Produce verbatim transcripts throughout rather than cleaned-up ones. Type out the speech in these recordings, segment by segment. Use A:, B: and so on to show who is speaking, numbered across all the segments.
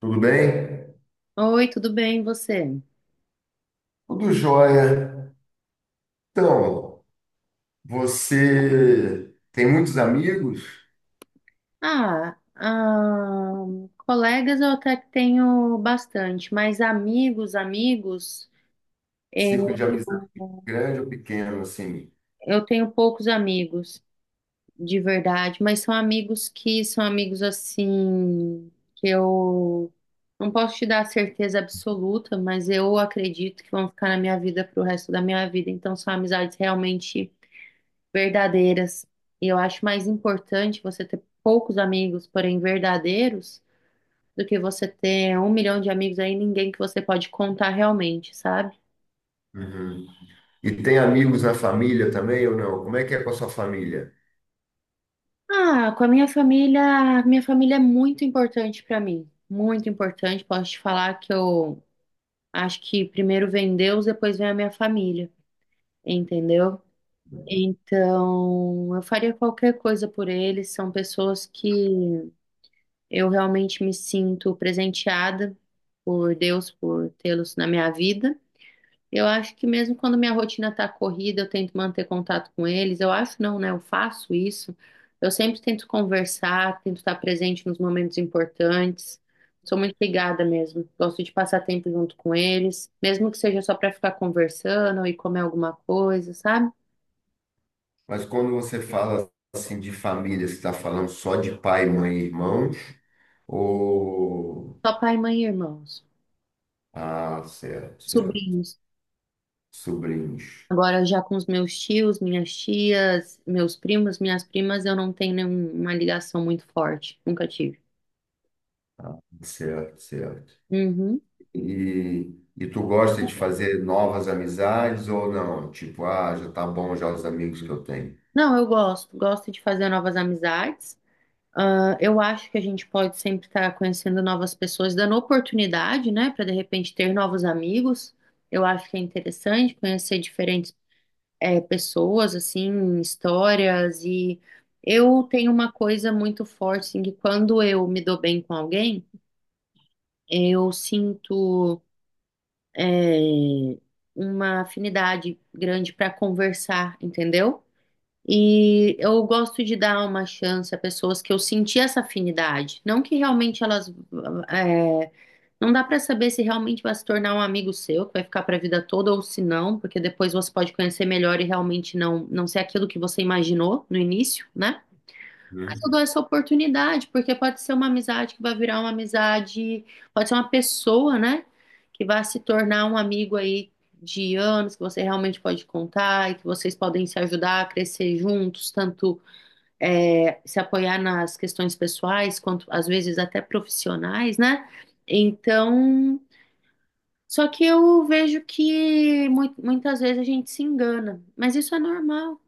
A: Tudo bem?
B: Oi, tudo bem, e você?
A: Tudo jóia. Então, você tem muitos amigos?
B: Ah, ah, colegas eu até que tenho bastante, mas amigos, amigos,
A: Círculo
B: eu,
A: de amizade grande ou pequeno, assim?
B: eu tenho poucos amigos, de verdade, mas são amigos que são amigos assim, que eu não posso te dar certeza absoluta, mas eu acredito que vão ficar na minha vida pro resto da minha vida, então são amizades realmente verdadeiras. E eu acho mais importante você ter poucos amigos, porém verdadeiros do que você ter um milhão de amigos aí, ninguém que você pode contar realmente, sabe?
A: Uhum. E tem amigos na família também ou não? Como é que é com a sua família?
B: Ah, com a minha família, minha família é muito importante pra mim, muito importante. Posso te falar que eu acho que primeiro vem Deus, depois vem a minha família, entendeu? Então, eu faria qualquer coisa por eles. São pessoas que eu realmente me sinto presenteada por Deus por tê-los na minha vida. Eu acho que mesmo quando minha rotina tá corrida, eu tento manter contato com eles. Eu acho não, né? Eu faço isso. Eu sempre tento conversar, tento estar presente nos momentos importantes. Sou muito ligada mesmo. Gosto de passar tempo junto com eles, mesmo que seja só para ficar conversando e comer alguma coisa, sabe?
A: Mas quando você fala assim de família, você está falando só de pai, mãe e irmão? Ou...
B: Só pai, mãe e irmãos,
A: Ah, certo, certo.
B: sobrinhos.
A: Sobrinhos.
B: Agora já com os meus tios, minhas tias, meus primos, minhas primas, eu não tenho nenhuma ligação muito forte. Nunca tive.
A: Certo, certo.
B: Uhum.
A: E, e tu gosta de fazer novas amizades ou não? Tipo, ah, já tá bom já os amigos que eu tenho.
B: Não, eu gosto, gosto de fazer novas amizades. Ah, eu acho que a gente pode sempre estar conhecendo novas pessoas, dando oportunidade, né, para de repente ter novos amigos. Eu acho que é interessante conhecer diferentes, eh, pessoas, assim, histórias. E eu tenho uma coisa muito forte, assim, que quando eu me dou bem com alguém, eu sinto, eh, uma afinidade grande para conversar, entendeu? E eu gosto de dar uma chance a pessoas que eu senti essa afinidade. Não que realmente elas. É, não dá pra saber se realmente vai se tornar um amigo seu, que vai ficar pra vida toda, ou se não, porque depois você pode conhecer melhor e realmente não, não ser aquilo que você imaginou no início, né? Mas
A: Né?
B: eu dou essa oportunidade, porque pode ser uma amizade que vai virar uma amizade, pode ser uma pessoa, né? Que vai se tornar um amigo aí de anos, que você realmente pode contar e que vocês podem se ajudar a crescer juntos, tanto é, se apoiar nas questões pessoais, quanto às vezes até profissionais, né? Então, só que eu vejo que mu- muitas vezes a gente se engana, mas isso é normal.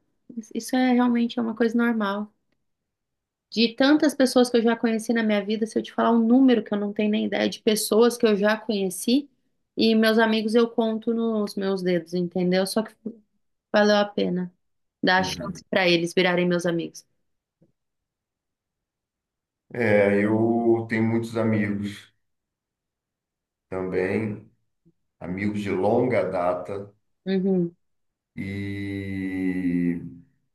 B: Isso é realmente é uma coisa normal. De tantas pessoas que eu já conheci na minha vida, se eu te falar um número que eu não tenho nem ideia de pessoas que eu já conheci e meus amigos eu conto nos meus dedos, entendeu? Só que valeu a pena dar a
A: Uhum.
B: chance para eles virarem meus amigos.
A: É, eu tenho muitos amigos também, amigos de longa data
B: Uhum,
A: e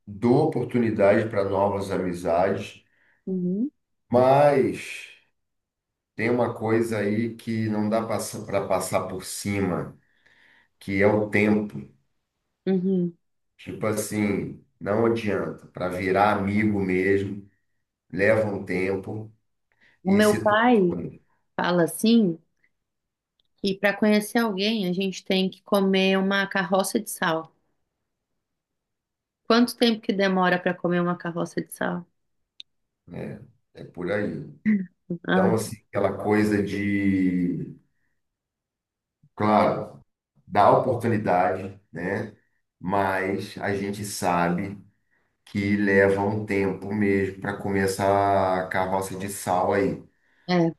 A: dou oportunidade para novas amizades,
B: uhum,
A: mas tem uma coisa aí que não dá para passar por cima, que é o tempo.
B: uhum.
A: Tipo assim, não adianta, para virar amigo mesmo, leva um tempo
B: O
A: e
B: meu
A: situações,
B: pai fala assim que para conhecer alguém a gente tem que comer uma carroça de sal. Quanto tempo que demora para comer uma carroça de sal?
A: né? É por aí. Então,
B: Ah,
A: assim, aquela coisa de, claro, dá oportunidade, né? Mas a gente sabe que leva um tempo mesmo para começar a carroça de sal aí,
B: é.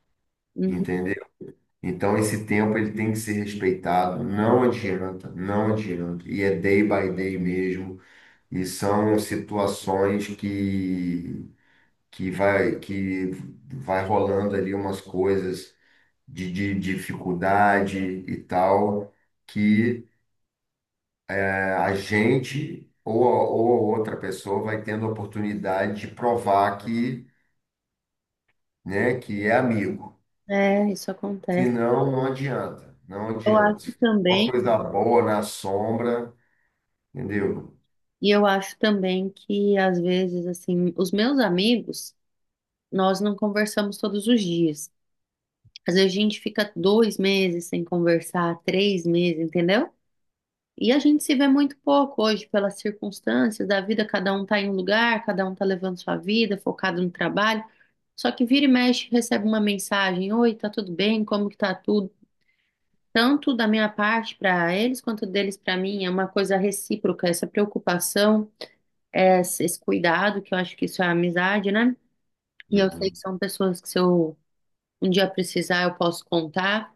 B: Uhum.
A: entendeu? Então, esse tempo ele tem que ser respeitado, não adianta, não adianta. E é day by day mesmo, e são situações que que vai que vai rolando ali umas coisas de, de dificuldade e tal, que eh, a gente ou, a- ou a outra pessoa vai tendo a oportunidade de provar que, né, que é amigo.
B: É, isso acontece.
A: Senão, não adianta, não
B: Eu acho
A: adianta. Uma
B: também.
A: coisa boa na sombra, entendeu?
B: E eu acho também que, às vezes, assim, os meus amigos, nós não conversamos todos os dias. Às vezes a gente fica dois meses sem conversar, três meses, entendeu? E a gente se vê muito pouco hoje pelas circunstâncias da vida, cada um tá em um lugar, cada um tá levando sua vida, focado no trabalho. Só que vira e mexe, recebe uma mensagem: Oi, tá tudo bem? Como que tá tudo? Tanto da minha parte para eles quanto deles para mim, é uma coisa recíproca, essa preocupação. Essa- esse cuidado, que eu acho que isso é amizade, né? E eu sei que
A: Uhum.
B: são pessoas que se eu um dia precisar, eu posso contar.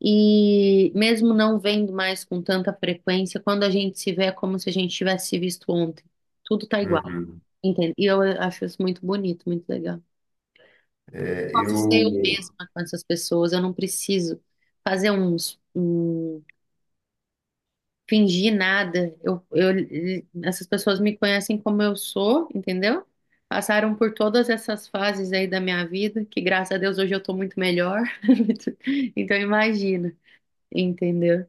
B: E mesmo não vendo mais com tanta frequência, quando a gente se vê é como se a gente tivesse se visto ontem. Tudo tá igual,
A: Uhum.
B: entende? E eu acho isso muito bonito, muito legal.
A: É,
B: Posso ser
A: eu,
B: eu mesma com essas pessoas, eu não preciso fazer uns, um fingir nada. Eu, eu, essas pessoas me conhecem como eu sou, entendeu? Passaram por todas essas fases aí da minha vida, que graças a Deus hoje eu tô muito melhor. Então imagina, entendeu?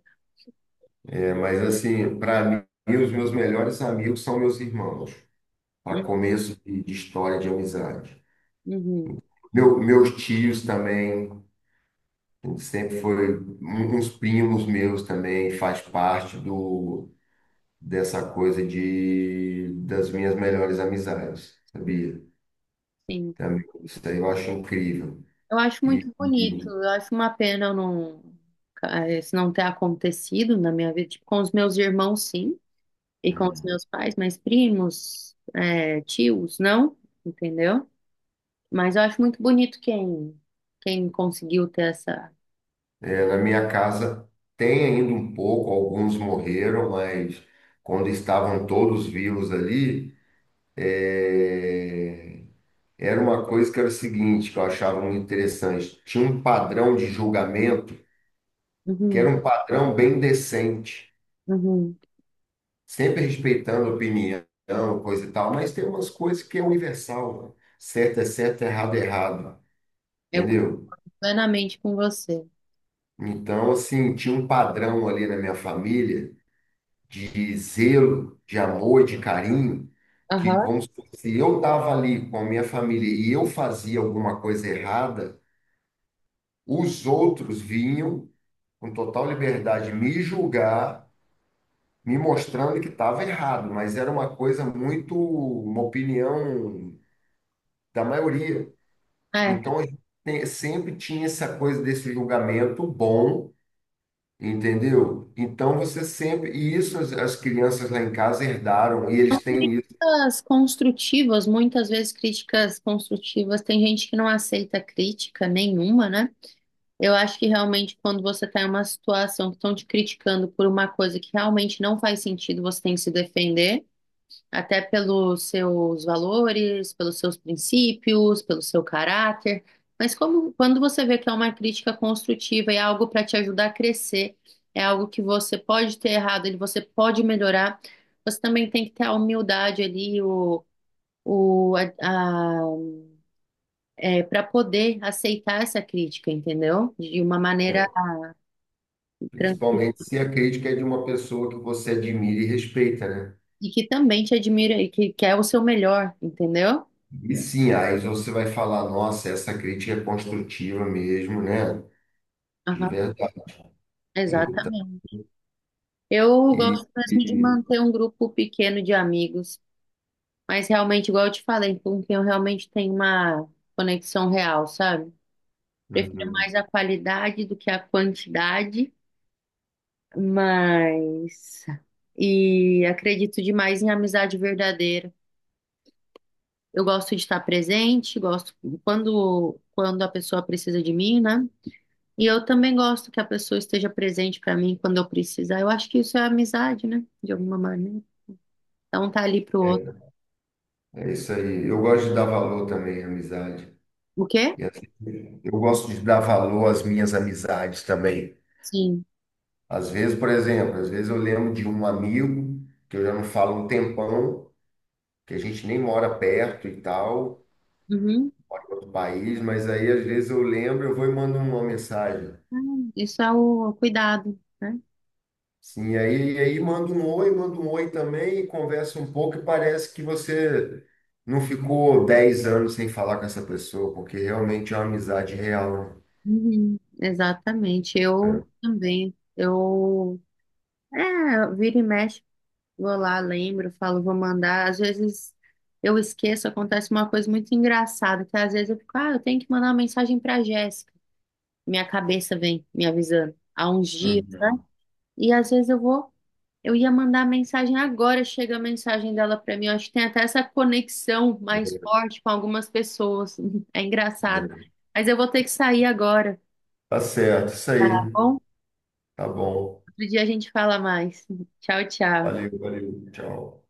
A: é, mas assim, para mim, os meus melhores amigos são meus irmãos, a
B: Hum,
A: começo de, de história de amizade.
B: Uhum,
A: Meu- meus tios também, sempre foi, um- uns primos meus também, faz parte do, dessa coisa de, das minhas melhores amizades, sabia?
B: sim.
A: Também, isso aí eu acho incrível.
B: Eu acho
A: E,
B: muito bonito,
A: e,
B: eu acho uma pena eu não, eh, isso não ter acontecido na minha vida, tipo, com os meus irmãos, sim, e com os meus pais, mas primos, eh, tios, não, entendeu? Mas eu acho muito bonito quem, quem conseguiu ter essa.
A: é, na minha casa tem ainda um pouco, alguns morreram, mas quando estavam todos vivos ali, é, era uma coisa que era o seguinte, que eu achava muito interessante. Tinha um padrão de julgamento que era
B: Uhum,
A: um padrão bem decente,
B: uhum.
A: sempre respeitando a opinião, coisa e tal, mas tem umas coisas que é universal, né? Certo é certo, errado é errado,
B: Eu concordo
A: entendeu?
B: plenamente com você.
A: Então, assim, tinha um padrão ali na minha família de zelo, de amor, de carinho, que,
B: Aham.
A: vamos supor, se eu estava ali com a minha família e eu fazia alguma coisa errada, os outros vinham com total liberdade, me julgar, me mostrando que estava errado, mas era uma coisa muito, uma opinião da maioria.
B: É.
A: Então, a gente tem- sempre tinha essa coisa desse julgamento bom, entendeu? Então, você sempre. E isso as, as crianças lá em casa herdaram, e eles têm isso,
B: Críticas construtivas, muitas vezes críticas construtivas, tem gente que não aceita crítica nenhuma, né? Eu acho que realmente quando você está em uma situação que estão te criticando por uma coisa que realmente não faz sentido, você tem que se defender. Até pelos seus valores, pelos seus princípios, pelo seu caráter. Mas como, quando você vê que é uma crítica construtiva e é algo para te ajudar a crescer, é algo que você pode ter errado, ele você pode melhorar, você também tem que ter a humildade ali, o, o, a, para poder aceitar essa crítica, entendeu? De uma maneira
A: né?
B: tranquila
A: Principalmente se a crítica é de uma pessoa que você admira e respeita, né?
B: e que também te admira e que quer o seu melhor, entendeu?
A: E sim, aí você vai falar, nossa, essa crítica é construtiva mesmo, né? De
B: Aham,
A: verdade.
B: exatamente. Eu
A: E,
B: gosto
A: e-
B: mesmo de manter um grupo pequeno de amigos, mas realmente, igual eu te falei, com quem eu realmente tenho uma conexão real, sabe? Prefiro
A: Uhum.
B: mais a qualidade do que a quantidade, mas. E acredito demais em amizade verdadeira. Eu gosto de estar presente, gosto quando, quando a pessoa precisa de mim, né? E eu também gosto que a pessoa esteja presente para mim quando eu precisar. Eu acho que isso é amizade, né? De alguma maneira. Então tá ali pro outro.
A: É, é isso aí. Eu gosto de dar valor também à amizade.
B: O quê?
A: E assim, eu gosto de dar valor às minhas amizades também.
B: Sim.
A: Às vezes, por exemplo, às vezes eu lembro de um amigo que eu já não falo um tempão, que a gente nem mora perto e tal,
B: Uhum.
A: mora em outro país, mas aí às vezes eu lembro, eu vou e mando uma mensagem.
B: Ah, isso é o cuidado, né?
A: Sim, e aí, e aí manda um oi, manda um oi também, e conversa um pouco e parece que você não ficou dez anos sem falar com essa pessoa, porque realmente é uma amizade real.
B: Uhum. Exatamente. Eu
A: Né?
B: também. Eu, é, vira e mexe, vou lá, lembro, falo, vou mandar. Às vezes eu esqueço, acontece uma coisa muito engraçada, que às vezes eu fico, ah, eu tenho que mandar uma mensagem pra Jéssica. Minha cabeça vem me avisando há uns dias. Né?
A: Uhum.
B: E às vezes eu vou. Eu ia mandar mensagem agora, chega a mensagem dela pra mim. Eu acho que tem até essa conexão mais forte com algumas pessoas. É
A: É,
B: engraçado.
A: é.
B: Mas eu vou ter que sair agora,
A: Tá certo, isso
B: tá
A: aí.
B: bom?
A: Tá bom.
B: Outro dia a gente fala mais. Tchau, tchau.
A: Valeu, valeu. Tchau.